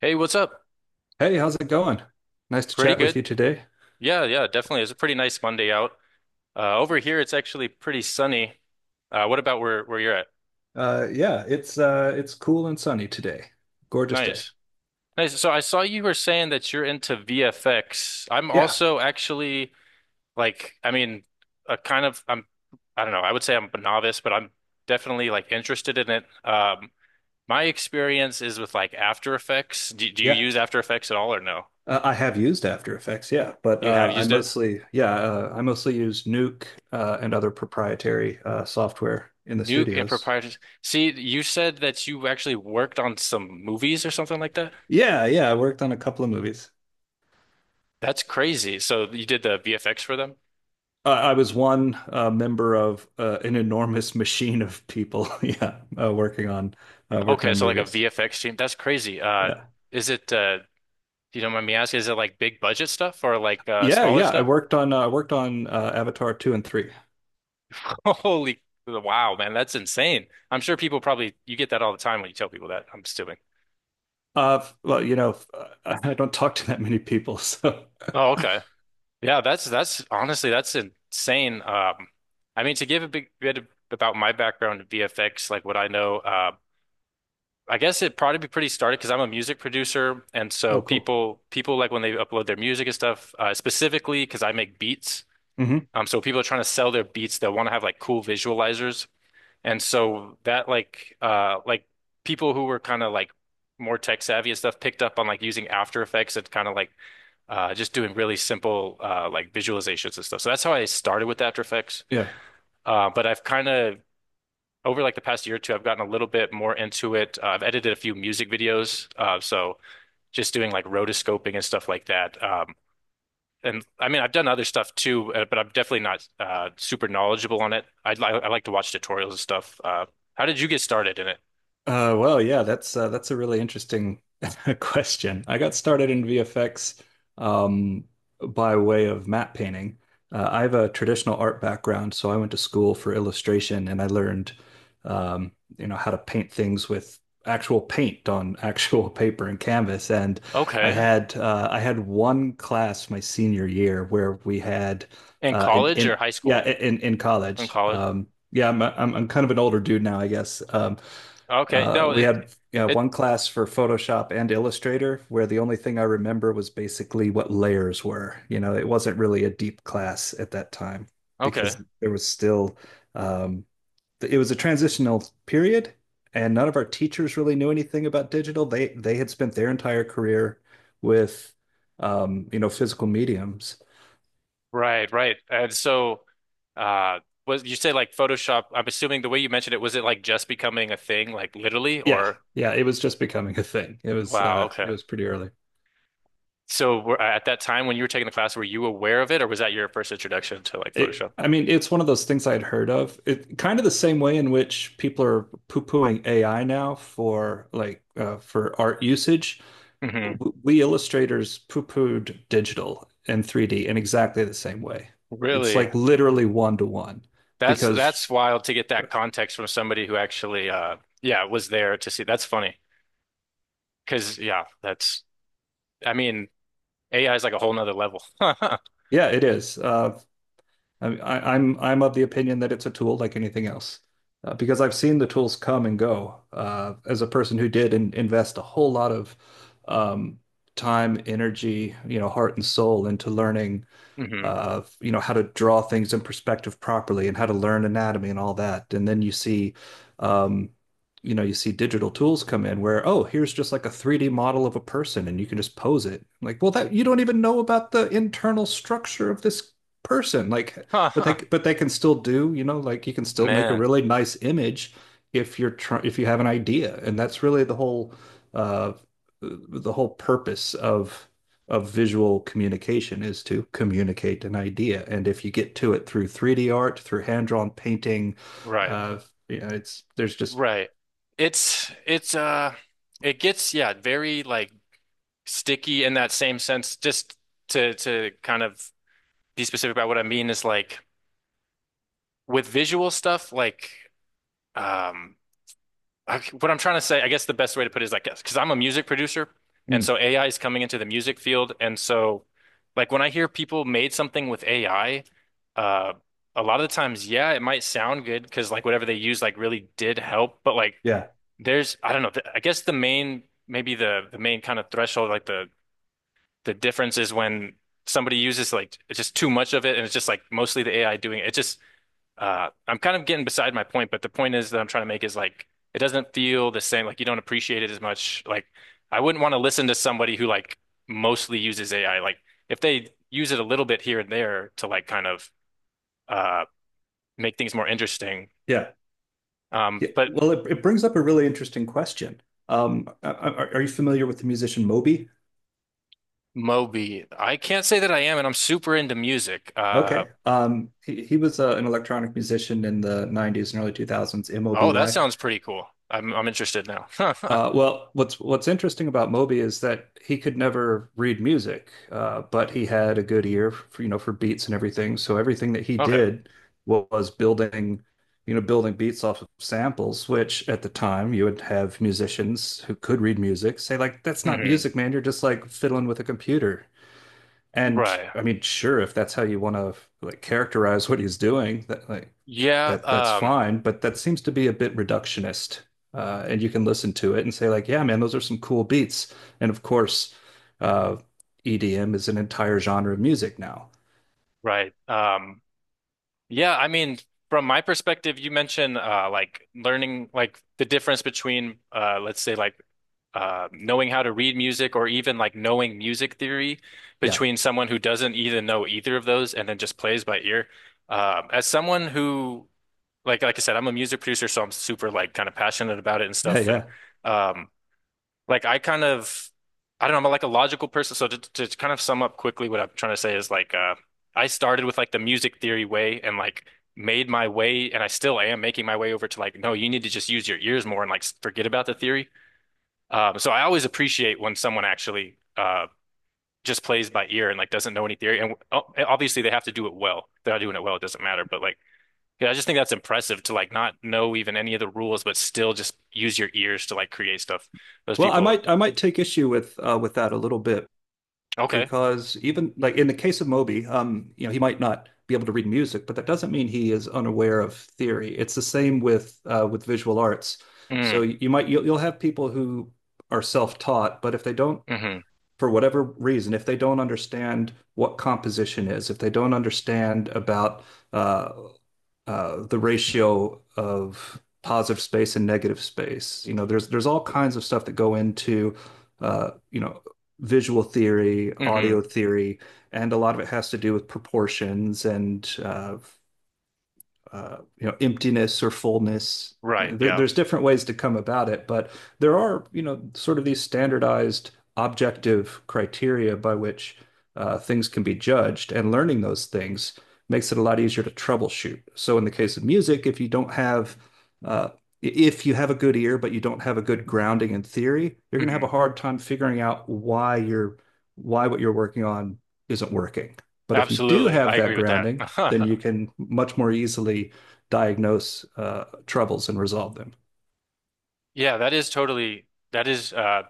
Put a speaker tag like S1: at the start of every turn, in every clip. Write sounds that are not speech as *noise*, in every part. S1: Hey, what's up?
S2: Hey, how's it going? Nice to
S1: Pretty
S2: chat with
S1: good.
S2: you today.
S1: Yeah, yeah, definitely. It's a pretty nice Monday out. Over here, it's actually pretty sunny. What about where you're at?
S2: Yeah, it's cool and sunny today. Gorgeous day.
S1: Nice, nice. So I saw you were saying that you're into VFX. I'm
S2: Yeah,
S1: also actually like, I mean, a kind of I'm, I don't know. I would say I'm a novice, but I'm definitely like interested in it. My experience is with like After Effects. Do you
S2: yeah.
S1: use After Effects at all or no?
S2: I have used After Effects, yeah, but
S1: You have
S2: I
S1: used it?
S2: mostly, yeah, uh, I mostly use Nuke and other proprietary software in the
S1: Nuke and
S2: studios.
S1: proprietors. See, you said that you actually worked on some movies or something like that.
S2: Yeah, yeah. I worked on a couple of movies.
S1: That's crazy. So you did the VFX for them?
S2: I was one member of an enormous machine of people. *laughs* Yeah, working on uh, working
S1: Okay,
S2: on
S1: so like a
S2: movies.
S1: VFX team. That's crazy.
S2: Yeah,
S1: Is it? You don't mind me asking? Is it like big budget stuff or like
S2: yeah,
S1: smaller
S2: yeah. I
S1: stuff?
S2: worked on uh, I worked on uh, Avatar 2 and 3.
S1: *laughs* Holy wow, man, that's insane. I'm sure people probably you get that all the time when you tell people that. I'm assuming.
S2: Well, *laughs* I don't talk to that many people, *laughs* so.
S1: Oh, okay. Yeah, that's honestly that's insane. I mean, to give a big bit about my background in VFX, like what I know. I guess it'd probably be pretty started because I'm a music producer, and so
S2: Oh, cool.
S1: people like when they upload their music and stuff, specifically because I make beats.
S2: Hmm.
S1: So people are trying to sell their beats. They'll want to have like cool visualizers, and so that like people who were kind of like more tech savvy and stuff picked up on like using After Effects and kind of like just doing really simple like visualizations and stuff. So that's how I started with After Effects.
S2: Yeah.
S1: But I've kind of over like the past year or two, I've gotten a little bit more into it. I've edited a few music videos, so just doing like rotoscoping and stuff like that. And I mean, I've done other stuff too, but I'm definitely not super knowledgeable on it. I like to watch tutorials and stuff. How did you get started in it?
S2: Well, yeah, that's a really interesting *laughs* question. I got started in VFX um, by way of matte painting. I have a traditional art background, so I went to school for illustration and I learned, um, how to paint things with actual paint on actual *laughs* paper and canvas. And I
S1: Okay,
S2: had uh, I had one class my senior year where we had
S1: in college or
S2: in
S1: high
S2: yeah,
S1: school?
S2: in
S1: In
S2: college.
S1: college.
S2: Yeah, I'm kind of an older dude now, I guess. Um,
S1: Okay,
S2: uh,
S1: no,
S2: we
S1: it
S2: had, yeah,
S1: it
S2: one class for Photoshop and Illustrator where the only thing I remember was basically what layers were. It wasn't really a deep class at that time
S1: okay.
S2: because there was still, um, it was a transitional period and none of our teachers really knew anything about digital. They had spent their entire career with, physical mediums.
S1: Right, right. And so, uh, was you say like Photoshop? I'm assuming the way you mentioned it, was it like just becoming a thing, like literally,
S2: Yeah,
S1: or?
S2: yeah, it was just becoming a thing. It was
S1: Wow,
S2: uh, it
S1: okay.
S2: was pretty early.
S1: So were, at that time when you were taking the class, were you aware of it, or was that your first introduction to like Photoshop?
S2: I mean, it's one of those things I'd heard of. It kind of the same way in which people are poo-pooing AI now for art usage.
S1: Hmm.
S2: We illustrators poo-pooed digital and 3D in exactly the same way. It's
S1: Really?
S2: like literally one to one
S1: That's
S2: because
S1: that's wild to get that context from somebody who actually, yeah, was there to see. That's funny because I mean, AI is like a whole nother level. *laughs*
S2: yeah, it is. I'm of the opinion that it's a tool like anything else, because I've seen the tools come and go. As a person who did invest a whole lot of um, time, energy, heart and soul into learning
S1: Hmm.
S2: of how to draw things in perspective properly and how to learn anatomy and all that. And then um, you see digital tools come in where, oh, here's just like a 3D model of a person and you can just pose it. Like, well, that you don't even know about the internal structure of this person. Like, but they
S1: Huh.
S2: but they can still do, like you can still make a
S1: Man,
S2: really nice image if you have an idea. And that's really uh the whole purpose of visual communication is to communicate an idea. And if you get to it through 3D art, through hand-drawn painting,
S1: right,
S2: uh, it's there's just.
S1: right. It's it's uh, it gets yeah, very like sticky in that same sense. Just to kind of be specific about what I mean is like. With visual stuff, like um, what I'm trying to say, I guess the best way to put it is like, because I'm a music producer, and
S2: Mm.
S1: so AI is coming into the music field, and so like when I hear people made something with AI, uh, a lot of the times, yeah, it might sound good because like whatever they use like really did help, but like
S2: Yeah,
S1: there's I don't know, I guess the main maybe the main kind of threshold, like the difference is when somebody uses like it's just too much of it, and it's just like mostly the AI doing it. It just I'm kind of getting beside my point, but the point is that I'm trying to make is like it doesn't feel the same. Like you don't appreciate it as much. Like I wouldn't want to listen to somebody who like mostly uses AI. Like if they use it a little bit here and there to like kind of uh, make things more interesting.
S2: yeah,
S1: Um,
S2: yeah.
S1: but
S2: Well, it brings up a really interesting question. Are you familiar with the musician Moby?
S1: Moby, I can't say that I am, and I'm super into music.
S2: Okay. He was an electronic musician in the 90s and early 2000s.
S1: Oh, that
S2: Moby.
S1: sounds pretty cool. I'm interested now. *laughs*
S2: Well, what's interesting about Moby is that he could never read music, but he had a good ear for beats and everything. So everything that he
S1: Okay.
S2: did was building beats off of samples, which at the time you would have musicians who could read music say like, "That's not
S1: Hmm.
S2: music, man. You're just like fiddling with a computer." And
S1: Right.
S2: I mean, sure, if that's how you want to like characterize what he's doing, that like
S1: Yeah.
S2: that that's fine, but that seems to be a bit reductionist. And you can listen to it and say like, "Yeah, man, those are some cool beats." And of course, uh, EDM is an entire genre of music now.
S1: Right. Yeah, I mean, from my perspective, you mentioned like learning like the difference between let's say like knowing how to read music or even like knowing music theory
S2: Yeah,
S1: between someone who doesn't even know either of those and then just plays by ear. As someone who like I said, I'm a music producer, so I'm super like kind of passionate about it and
S2: yeah,
S1: stuff. And
S2: yeah.
S1: um, like I kind of, I don't know, I'm like a logical person. So to kind of sum up quickly, what I'm trying to say is like, I started with like the music theory way and like made my way, and I still am making my way over to like, no, you need to just use your ears more and like forget about the theory. So I always appreciate when someone actually just plays by ear and like doesn't know any theory. And oh, obviously they have to do it well. If they're not doing it well, it doesn't matter. But like, yeah, I just think that's impressive to like not know even any of the rules, but still just use your ears to like create stuff. Those
S2: Well, I
S1: people are
S2: might I might take issue with that a little bit
S1: okay.
S2: because even like in the case of Moby, he might not be able to read music, but that doesn't mean he is unaware of theory. It's the same with visual arts. So
S1: Mm.
S2: you'll have people who are self-taught, but if they don't
S1: Hmm.
S2: for whatever reason, if they don't understand what composition is, if they don't understand about uh, the ratio of positive space and negative space, there's all kinds of stuff that go into, uh, you know, visual theory, audio
S1: Hmm.
S2: theory, and a lot of it has to do with proportions and emptiness or fullness.
S1: Right.
S2: There,
S1: Yeah.
S2: there's different ways to come about it, but there are, sort of these standardized objective criteria by which things can be judged, and learning those things makes it a lot easier to troubleshoot. So in the case of music, if you don't have uh, if you have a good ear, but you don't have a good grounding in theory, you're going to have a
S1: Hmm.
S2: hard time figuring out why what you're working on isn't working. But if you do
S1: Absolutely. I
S2: have that
S1: agree with that.
S2: grounding, then
S1: *laughs*
S2: you can much more easily diagnose troubles and resolve them.
S1: Yeah, that is totally, that is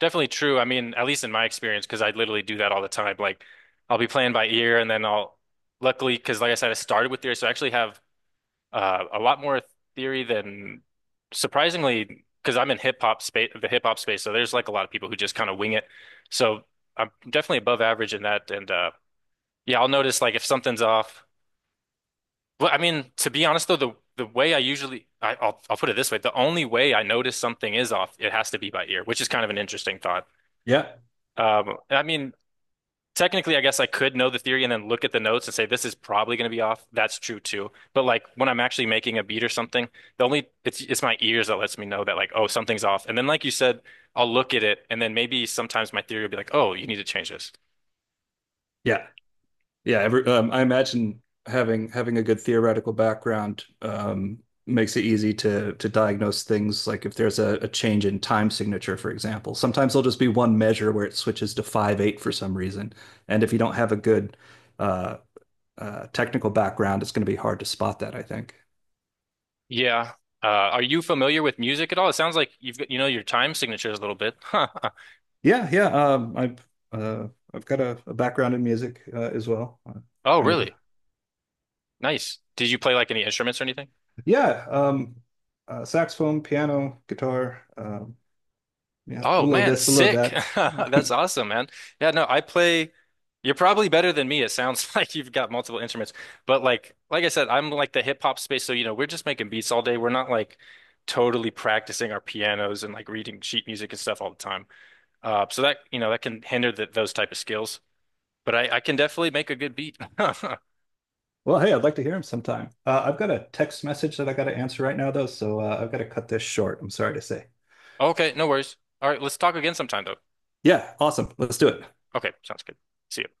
S1: definitely true. I mean, at least in my experience, because I literally do that all the time. Like, I'll be playing by ear, and then luckily, because like I said, I started with theory, so I actually have a lot more theory than surprisingly, because I'm in hip hop space. So there's like a lot of people who just kind of wing it. So I'm definitely above average in that. And yeah, I'll notice like if something's off. Well, I mean, to be honest though, the way I usually I'll put it this way, the only way I notice something is off, it has to be by ear, which is kind of an interesting thought.
S2: Yeah.
S1: I mean, technically, I guess I could know the theory and then look at the notes and say this is probably going to be off. That's true too. But like when I'm actually making a beat or something, the only it's my ears that lets me know that like oh something's off. And then like you said, I'll look at it and then maybe sometimes my theory will be like oh you need to change this.
S2: Yeah, yeah. I imagine having a good theoretical background makes it easy to diagnose things like if there's a change in time signature, for example. Sometimes there'll just be one measure where it switches to 5/8 for some reason, and if you don't have a good uh, technical background, it's going to be hard to spot that, I think.
S1: Yeah. Are you familiar with music at all? It sounds like you've got you know your time signatures a little bit. *laughs* Huh.
S2: Yeah, yeah. I've got a background in music as well.
S1: Oh,
S2: Kind of a,
S1: really? Nice. Did you play like any instruments or anything?
S2: yeah. Saxophone, piano, guitar. Yeah, a
S1: Oh
S2: little of
S1: man,
S2: this, a little of
S1: sick.
S2: that.
S1: *laughs* That's
S2: Yeah. *laughs*
S1: awesome, man. Yeah, no, I play you're probably better than me. It sounds *laughs* like you've got multiple instruments. But like I said, I'm like the hip hop space, so you know, we're just making beats all day. We're not like totally practicing our pianos and like reading sheet music and stuff all the time. So that, you know, that can hinder those type of skills. But I can definitely make a good beat. *laughs*
S2: Well, hey, I'd like to hear him sometime. I've got a text message that I got to answer right now, though, so I've got to cut this short. I'm sorry to say.
S1: Okay, no worries. All right, let's talk again sometime though.
S2: Yeah, awesome. Let's do it.
S1: Okay, sounds good. See ya.